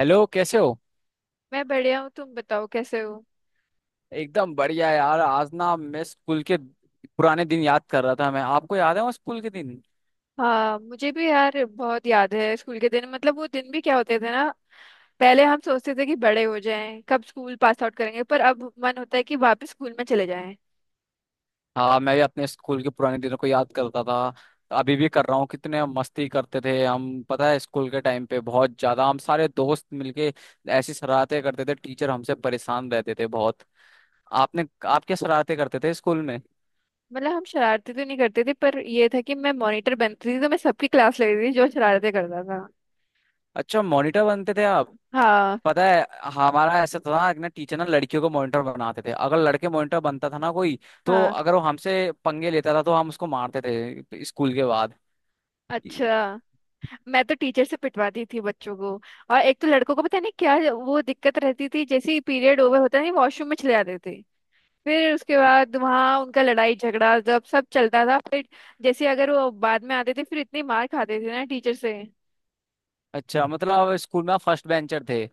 Hello, कैसे हो। मैं बढ़िया हूँ। तुम बताओ कैसे हो। एकदम बढ़िया यार। आज ना मैं स्कूल के पुराने दिन याद कर रहा था। मैं आपको याद है वो स्कूल के दिन। हाँ, मुझे भी यार बहुत याद है स्कूल के दिन। मतलब वो दिन भी क्या होते थे ना। पहले हम सोचते थे कि बड़े हो जाएं, कब स्कूल पास आउट करेंगे, पर अब मन होता है कि वापस स्कूल में चले जाएं। हाँ, मैं भी अपने स्कूल के पुराने दिनों को याद करता था। अभी भी कर रहा हूँ। कितने हम मस्ती करते थे हम। पता है स्कूल के टाइम पे बहुत ज्यादा हम सारे दोस्त मिलके ऐसी शरारतें करते थे, टीचर हमसे परेशान रहते थे बहुत। आपने आप क्या शरारतें करते थे स्कूल में। मतलब हम शरारती तो नहीं करते थे, पर ये था कि मैं मॉनिटर बनती थी, तो मैं सबकी क्लास लेती थी जो शरारतें करता था। अच्छा, मॉनिटर बनते थे। हाँ, पता है हमारा ऐसा था ना ना टीचर ना लड़कियों को मॉनिटर बनाते थे। अगर लड़के मॉनिटर बनता था ना कोई, तो हाँ। अगर वो हमसे पंगे लेता था तो हम उसको मारते थे स्कूल के बाद। ये- अच्छा। मैं तो टीचर से पिटवाती थी बच्चों को। और एक तो लड़कों को पता नहीं क्या वो दिक्कत रहती थी, जैसे ही पीरियड ओवर होता नहीं वॉशरूम में चले जाते थे। फिर उसके बाद वहाँ उनका लड़ाई झगड़ा जब सब चलता था फिर। जैसे अगर वो बाद में आते थे, फिर इतनी मार खाते थे ना टीचर से। अच्छा मतलब स्कूल में आप फर्स्ट बेंचर थे।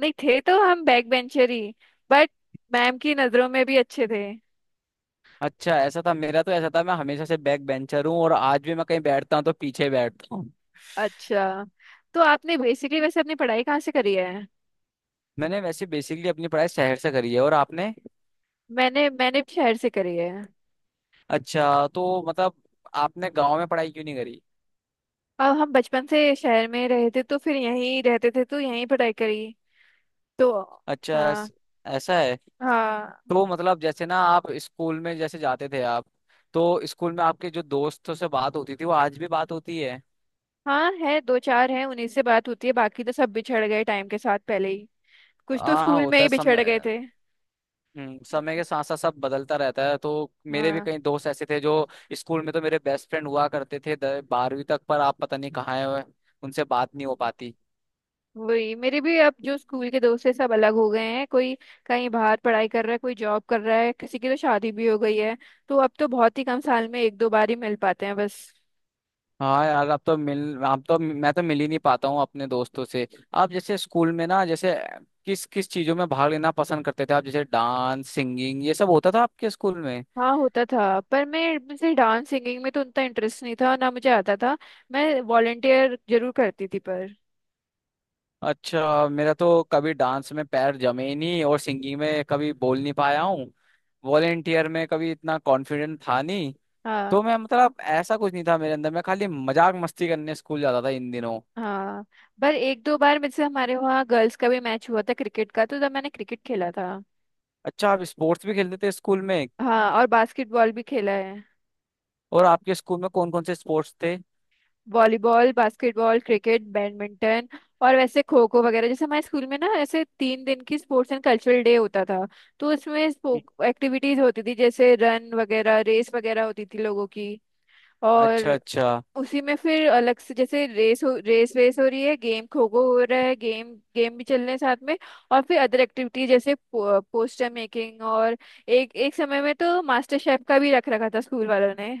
नहीं, थे तो हम बैक बेंचर ही, बट मैम की नजरों में भी अच्छे थे। अच्छा, ऐसा था। मेरा तो ऐसा था, मैं हमेशा से बैक बेंचर हूँ और आज भी मैं कहीं बैठता हूँ तो पीछे बैठता हूँ। अच्छा, तो आपने बेसिकली वैसे अपनी पढ़ाई कहाँ से करी है। मैंने वैसे बेसिकली अपनी पढ़ाई शहर से करी है, और आपने। मैंने मैंने भी शहर से करी है। अच्छा तो मतलब आपने गांव में पढ़ाई क्यों नहीं करी। और हम बचपन से शहर में रहे थे तो फिर यहीं रहते थे, तो यहीं पढ़ाई करी तो। अच्छा हाँ, ऐस- ऐसा है। हाँ। तो मतलब जैसे ना आप स्कूल में जैसे जाते थे आप, तो स्कूल में आपके जो दोस्तों से बात होती थी वो आज भी बात होती है। हाँ, है दो चार, हैं उन्हीं से बात होती है, बाकी तो सब बिछड़ गए टाइम के साथ पहले ही। कुछ तो हाँ स्कूल में होता ही है बिछड़ गए समय। थे। समय के साथ साथ सब बदलता रहता है। तो मेरे भी हाँ, कई दोस्त ऐसे थे जो स्कूल में तो मेरे बेस्ट फ्रेंड हुआ करते थे बारहवीं तक, पर आप पता नहीं कहाँ है। उनसे बात नहीं हो पाती। वही मेरे भी अब जो स्कूल के दोस्त है सब अलग हो गए हैं, कोई कहीं बाहर पढ़ाई कर रहा है, कोई जॉब कर रहा है, किसी की तो शादी भी हो गई है। तो अब तो बहुत ही कम, साल में एक दो बार ही मिल पाते हैं बस। हाँ यार, अब तो मैं तो मिल ही नहीं पाता हूँ अपने दोस्तों से। आप जैसे स्कूल में ना जैसे किस किस चीजों में भाग लेना पसंद करते थे आप, जैसे डांस सिंगिंग ये सब होता था आपके स्कूल में। हाँ, होता था पर मैं मुझे डांस सिंगिंग में तो उतना इंटरेस्ट नहीं था, ना मुझे आता था। मैं वॉलेंटियर जरूर करती थी पर। अच्छा, मेरा तो कभी डांस में पैर जमे ही नहीं और सिंगिंग में कभी बोल नहीं पाया हूँ। वॉलेंटियर में कभी इतना कॉन्फिडेंट था नहीं। हाँ, तो मैं मतलब ऐसा कुछ नहीं था मेरे अंदर, मैं खाली मजाक मस्ती करने स्कूल जाता था इन दिनों। हाँ। पर एक दो बार मुझसे, हमारे वहाँ गर्ल्स का भी मैच हुआ था क्रिकेट का, तो तब मैंने क्रिकेट खेला था। अच्छा, आप स्पोर्ट्स भी खेलते थे स्कूल में। हाँ, और बास्केटबॉल भी खेला है। और आपके स्कूल में कौन कौन से स्पोर्ट्स थे। Volleyball, basketball, cricket, badminton. और वैसे खो खो वगैरह, जैसे हमारे स्कूल में ना ऐसे तीन दिन की स्पोर्ट्स एंड कल्चरल डे होता था। तो उसमें एक्टिविटीज होती थी, जैसे रन वगैरह, रेस वगैरह होती थी लोगों की। अच्छा और अच्छा। उसी में फिर अलग से, जैसे रेस हो, रेस वेस हो रही है, गेम खो खो हो रहा है, गेम गेम भी चल रहे हैं साथ में। और फिर अदर एक्टिविटीज, जैसे पोस्टर मेकिंग और एक एक समय में तो मास्टर शेफ का भी रख रखा था स्कूल वालों ने।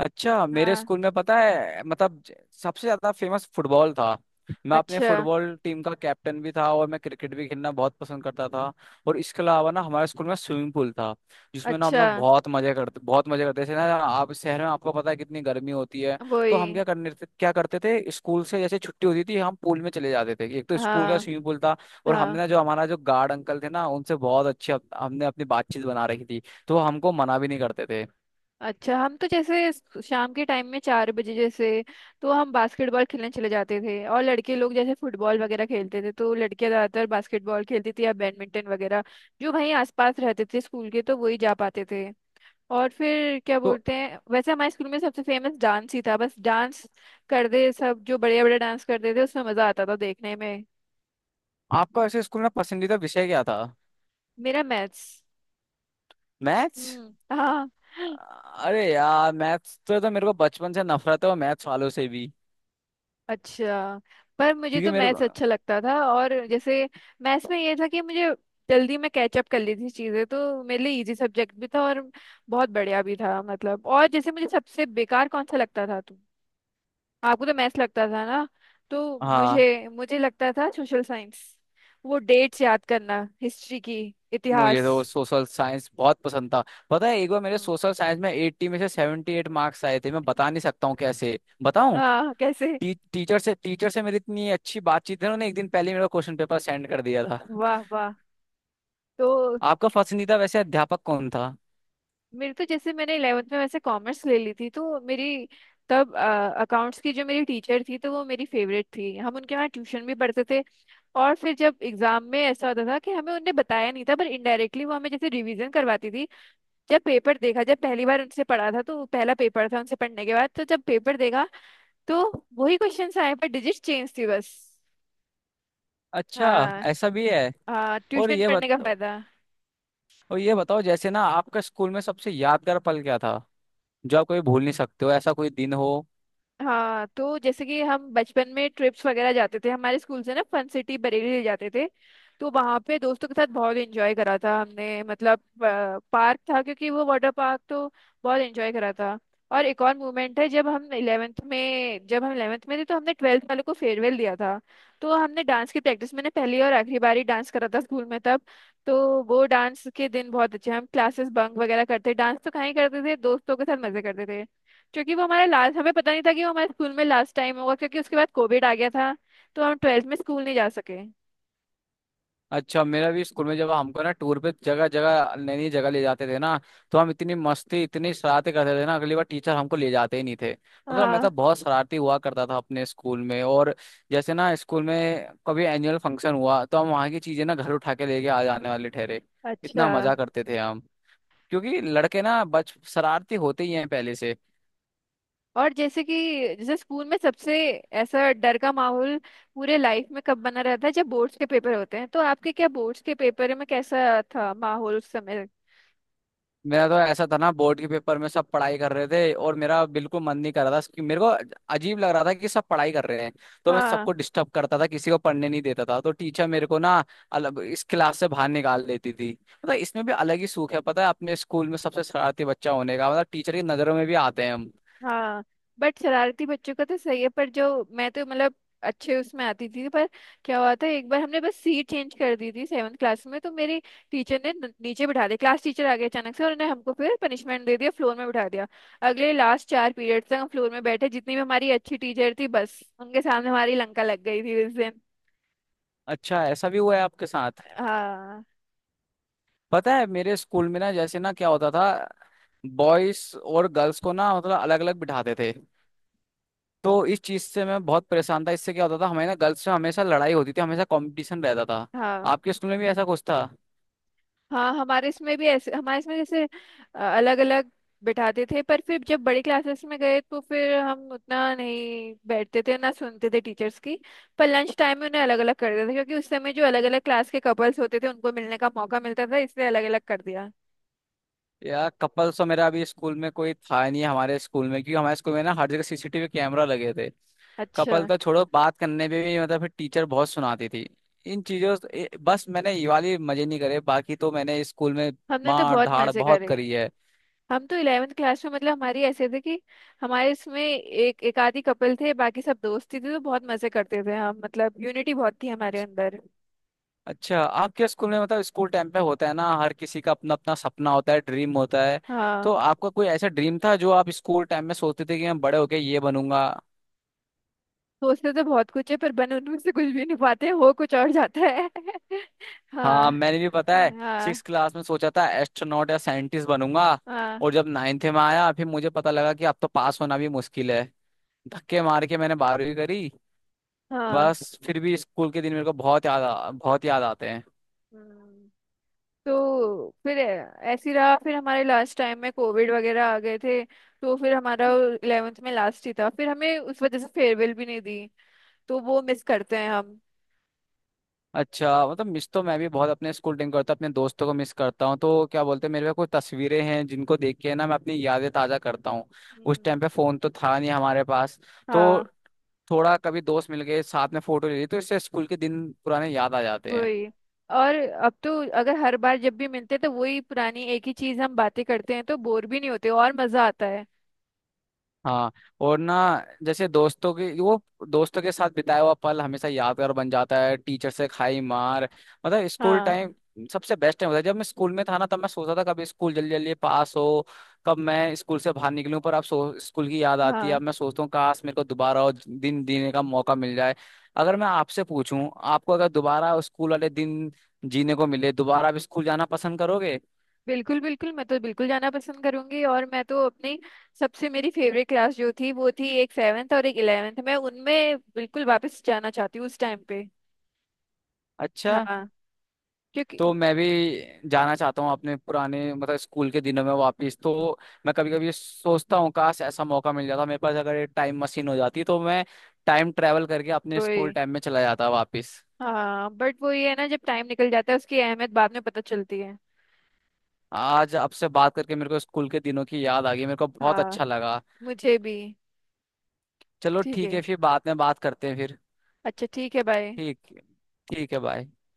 अच्छा मेरे हाँ। स्कूल में पता है मतलब सबसे ज्यादा फेमस फुटबॉल था। मैं अपने अच्छा, फुटबॉल टीम का कैप्टन भी था और मैं क्रिकेट भी खेलना बहुत पसंद करता था। और इसके अलावा ना हमारे स्कूल में स्विमिंग पूल था, जिसमें ना हम अच्छा। ना बहुत मजे करते थे ना। आप शहर में आपको पता है कितनी गर्मी होती है। तो हम वही। क्या करते थे, स्कूल से जैसे छुट्टी होती थी हम पूल में चले जाते थे। एक तो स्कूल का हाँ, स्विमिंग पूल था और हमने हाँ। ना जो हमारा जो गार्ड अंकल थे ना उनसे बहुत अच्छे हमने अपनी बातचीत बना रखी थी। तो वो हमको मना भी नहीं करते थे। अच्छा, हम तो जैसे शाम के टाइम में चार बजे जैसे, तो हम बास्केटबॉल खेलने चले जाते थे, और लड़के लोग जैसे फुटबॉल वगैरह खेलते थे, तो लड़कियां ज़्यादातर बास्केटबॉल खेलती थी या बैडमिंटन वगैरह। जो वहीं आसपास रहते थे स्कूल के तो वही जा पाते थे। और फिर क्या तो बोलते हैं, वैसे हमारे स्कूल में सबसे फेमस डांस ही था, बस डांस करते सब, जो बड़े बड़े डांस करते थे उसमें मज़ा आता था देखने में। आपका ऐसे स्कूल में पसंदीदा विषय क्या था। मेरा मैथ्स। मैथ्स। हाँ। अरे यार, मैथ्स तो मेरे को बचपन से नफरत है, और मैथ्स वालों से भी। अच्छा। पर मुझे क्योंकि तो मेरे को, मैथ्स अच्छा लगता था, और जैसे मैथ्स में ये था कि मुझे जल्दी में कैचअप कर ली थी चीज़ें, तो मेरे लिए इजी सब्जेक्ट भी था, और बहुत बढ़िया भी था मतलब। और जैसे मुझे सबसे बेकार कौन सा लगता था, तुम आपको तो मैथ्स लगता था ना, तो हाँ मुझे मुझे लगता था सोशल साइंस। वो डेट्स याद करना हिस्ट्री की। मुझे इतिहास। तो सोशल साइंस बहुत पसंद था। पता है एक बार मेरे हम्म। सोशल साइंस में 80 में से 78 मार्क्स आए थे, मैं बता नहीं सकता हूँ कैसे बताऊँ। हाँ, कैसे? टीचर से मेरी इतनी अच्छी बातचीत है, उन्होंने एक दिन पहले ही मेरा क्वेश्चन पेपर सेंड कर दिया था। वाह, वाह। तो आपका पसंदीदा वैसे अध्यापक कौन था। मेरे तो जैसे मैंने इलेवेंथ में वैसे कॉमर्स ले ली थी, तो मेरी तब अकाउंट्स की जो मेरी टीचर थी तो वो मेरी फेवरेट थी, हम उनके वहाँ ट्यूशन भी पढ़ते थे। और फिर जब एग्जाम में ऐसा होता था कि हमें उनने बताया नहीं था, पर इनडायरेक्टली वो हमें जैसे रिवीजन करवाती थी। जब पेपर देखा, जब पहली बार उनसे पढ़ा था तो पहला पेपर था उनसे पढ़ने के बाद, तो जब पेपर देखा, तो वही क्वेश्चन आए पर डिजिट चेंज थी बस। अच्छा, हाँ। ऐसा भी है। हाँ, और ट्यूशन ये पढ़ने का बत फायदा। और ये बताओ जैसे ना आपका स्कूल में सबसे यादगार पल क्या था, जो आप कभी भूल नहीं सकते हो, ऐसा कोई दिन हो। हाँ, तो जैसे कि हम बचपन में ट्रिप्स वगैरह जाते थे, हमारे स्कूल से ना फन सिटी बरेली ले जाते थे। तो वहाँ पे दोस्तों के साथ बहुत एंजॉय करा था हमने मतलब। पार्क था, क्योंकि वो वाटर पार्क, तो बहुत एंजॉय करा था। और एक और मोमेंट है जब हम इलेवेंथ में थे तो हमने ट्वेल्थ वालों को फेयरवेल दिया था। तो हमने डांस की प्रैक्टिस, मैंने पहली और आखिरी बार ही डांस करा था स्कूल में तब। तो वो डांस के दिन बहुत अच्छे, हम क्लासेस बंक वगैरह करते, डांस तो कहीं करते थे, दोस्तों के साथ मजे करते थे। क्योंकि वो हमारा लास्ट, हमें पता नहीं था कि वो हमारे स्कूल में लास्ट टाइम होगा, क्योंकि उसके बाद कोविड आ गया था। तो हम ट्वेल्थ में स्कूल नहीं जा सके। अच्छा मेरा भी स्कूल में जब हमको ना टूर पे जगह जगह नई नई जगह ले जाते थे ना, तो हम इतनी मस्ती इतनी शरारतें करते थे ना अगली बार टीचर हमको ले जाते ही नहीं थे। मतलब मैं हाँ। तो बहुत शरारती हुआ करता था अपने स्कूल में। और जैसे ना स्कूल में कभी एनुअल फंक्शन हुआ, तो हम वहाँ की चीजें ना घर उठा के लेके आ जाने वाले ठहरे। अच्छा। इतना मजा करते थे हम, क्योंकि लड़के ना बच शरारती होते ही हैं पहले से। और जैसे कि जैसे स्कूल में सबसे ऐसा डर का माहौल पूरे लाइफ में कब बना रहता है, जब बोर्ड्स के पेपर होते हैं, तो आपके क्या बोर्ड्स के पेपर में कैसा था माहौल उस समय? मेरा तो ऐसा था ना बोर्ड के पेपर में सब पढ़ाई कर रहे थे और मेरा बिल्कुल मन नहीं कर रहा था कि मेरे को, अजीब लग रहा था कि सब पढ़ाई कर रहे हैं। तो मैं हाँ। सबको डिस्टर्ब करता था, किसी को पढ़ने नहीं देता था, तो टीचर मेरे को ना अलग इस क्लास से बाहर निकाल देती थी। मतलब इसमें भी अलग ही सूख है। पता है अपने स्कूल में सबसे शरारती बच्चा होने का मतलब टीचर की नजरों में भी आते हैं हम। हाँ, बट शरारती बच्चों का तो सही है, पर जो मैं तो मतलब अच्छे उसमें आती थी पर क्या हुआ था एक बार, हमने बस सीट चेंज कर दी थी सेवन्थ क्लास में, तो मेरी टीचर ने नीचे बिठा दिया, क्लास टीचर आ गए अचानक से, और उन्होंने हमको फिर पनिशमेंट दे दिया, फ्लोर में बिठा दिया। अगले लास्ट चार पीरियड तक हम फ्लोर में बैठे, जितनी भी हमारी अच्छी टीचर थी बस उनके सामने हमारी लंका लग गई थी उस दिन। अच्छा ऐसा भी हुआ है आपके साथ। हाँ। पता है मेरे स्कूल में ना जैसे ना क्या होता था, बॉयज और गर्ल्स को ना मतलब अलग अलग बिठाते थे। तो इस चीज से मैं बहुत परेशान था, इससे क्या होता था हमारे ना गर्ल्स में हमेशा लड़ाई होती थी, हमेशा कंपटीशन रहता था। हाँ। आपके स्कूल में भी ऐसा कुछ था। हाँ, हमारे इसमें भी ऐसे, हमारे इसमें जैसे अलग अलग बैठाते थे, पर फिर जब बड़ी क्लासेस में गए तो फिर हम उतना नहीं बैठते थे, ना सुनते थे टीचर्स की। पर लंच टाइम में उन्हें अलग अलग कर देते थे, क्योंकि उस समय जो अलग अलग क्लास के कपल्स होते थे उनको मिलने का मौका मिलता था, इसलिए अलग अलग कर दिया। यार कपल्स तो मेरा अभी स्कूल में कोई था नहीं, हमारे स्कूल में क्योंकि हमारे स्कूल में ना हर जगह सीसीटीवी कैमरा लगे थे। अच्छा। कपल तो छोड़ो, बात करने पे भी मतलब फिर टीचर बहुत सुनाती थी। इन चीजों से- ए- बस मैंने ये वाली मजे नहीं करे, बाकी तो मैंने स्कूल में हमने तो मार बहुत धाड़ मजे बहुत करे। करी है। हम तो इलेवेंथ क्लास में मतलब हमारी ऐसे थे कि हमारे इसमें एक एक आधी कपल थे, बाकी सब दोस्ती थी, तो बहुत मजे करते थे हम, मतलब यूनिटी बहुत थी हमारे अंदर। अच्छा, आपके स्कूल में मतलब स्कूल टाइम पे होता है ना हर किसी का अपना अपना सपना होता है, ड्रीम होता है। हाँ, तो आपका कोई ऐसा ड्रीम था जो आप स्कूल टाइम में सोचते थे कि मैं बड़े होके ये बनूंगा। सोचते तो बहुत कुछ है पर बन उनमें से कुछ भी नहीं पाते हो, कुछ और जाता है। हाँ। हाँ मैंने भी, पता है हाँ। सिक्स क्लास में सोचा था एस्ट्रोनॉट या साइंटिस्ट बनूंगा। हाँ। और जब नाइन्थ में आया फिर मुझे पता लगा कि अब तो पास होना भी मुश्किल है। धक्के मार के मैंने बारहवीं करी। हाँ। बस फिर भी स्कूल के दिन मेरे को बहुत याद आते हैं। हम्म। तो फिर ऐसे ही रहा, फिर हमारे लास्ट टाइम में कोविड वगैरह आ गए थे। तो फिर हमारा इलेवेंथ में लास्ट ही था, फिर हमें उस वजह से फेयरवेल भी नहीं दी। तो वो मिस करते हैं हम। अच्छा मतलब मिस तो मैं भी बहुत अपने स्कूल टाइम करता, अपने दोस्तों को मिस करता हूँ। तो क्या बोलते हैं मेरे पे कुछ तस्वीरें हैं जिनको देख के ना मैं अपनी यादें ताजा करता हूँ। उस हम्म। टाइम पे फोन तो था नहीं हमारे पास। तो हाँ, थोड़ा कभी दोस्त मिल गए साथ में फोटो ले ली, तो इससे स्कूल के दिन पुराने याद आ जाते हैं। वही। और अब तो अगर हर बार जब भी मिलते हैं तो वही पुरानी एक ही चीज हम बातें करते हैं, तो बोर भी नहीं होते, और मजा आता है। हाँ, और ना जैसे दोस्तों के साथ बिताया हुआ पल हमेशा यादगार बन जाता है, टीचर से खाई मार। मतलब स्कूल हाँ। टाइम सबसे बेस्ट टाइम होता है। जब मैं स्कूल में था ना तब मैं सोचता था कब स्कूल जल्दी जल्दी पास हो, कब मैं स्कूल से बाहर निकलूं, पर अब सो स्कूल की याद आती है। हाँ, अब मैं सोचता हूँ काश मेरे को दोबारा वो दिन जीने का मौका मिल जाए। अगर मैं आपसे पूछूं, आपको अगर दोबारा स्कूल वाले दिन जीने को मिले, दोबारा आप स्कूल जाना पसंद करोगे। बिल्कुल, बिल्कुल, मैं तो बिल्कुल जाना पसंद करूंगी, और मैं तो अपनी सबसे मेरी फेवरेट क्लास जो थी वो थी एक सेवेंथ और एक इलेवेंथ, मैं उनमें बिल्कुल वापस जाना चाहती हूँ उस टाइम पे। अच्छा, हाँ। क्योंकि तो मैं भी जाना चाहता हूँ अपने पुराने मतलब स्कूल के दिनों में वापस। तो मैं कभी कभी सोचता हूँ काश ऐसा मौका मिल जाता मेरे पास। अगर टाइम मशीन हो जाती तो मैं टाइम ट्रैवल करके अपने स्कूल वही। टाइम में चला जाता वापस। हाँ, बट वो ये है ना, जब टाइम निकल जाता है उसकी अहमियत बाद में पता चलती है। आज आपसे बात करके मेरे को स्कूल के दिनों की याद आ गई, मेरे को बहुत हाँ, अच्छा लगा। मुझे भी। चलो ठीक ठीक है। है फिर, बाद में बात करते हैं फिर। अच्छा, ठीक है। बाय। ठीक, ठीक है बाय।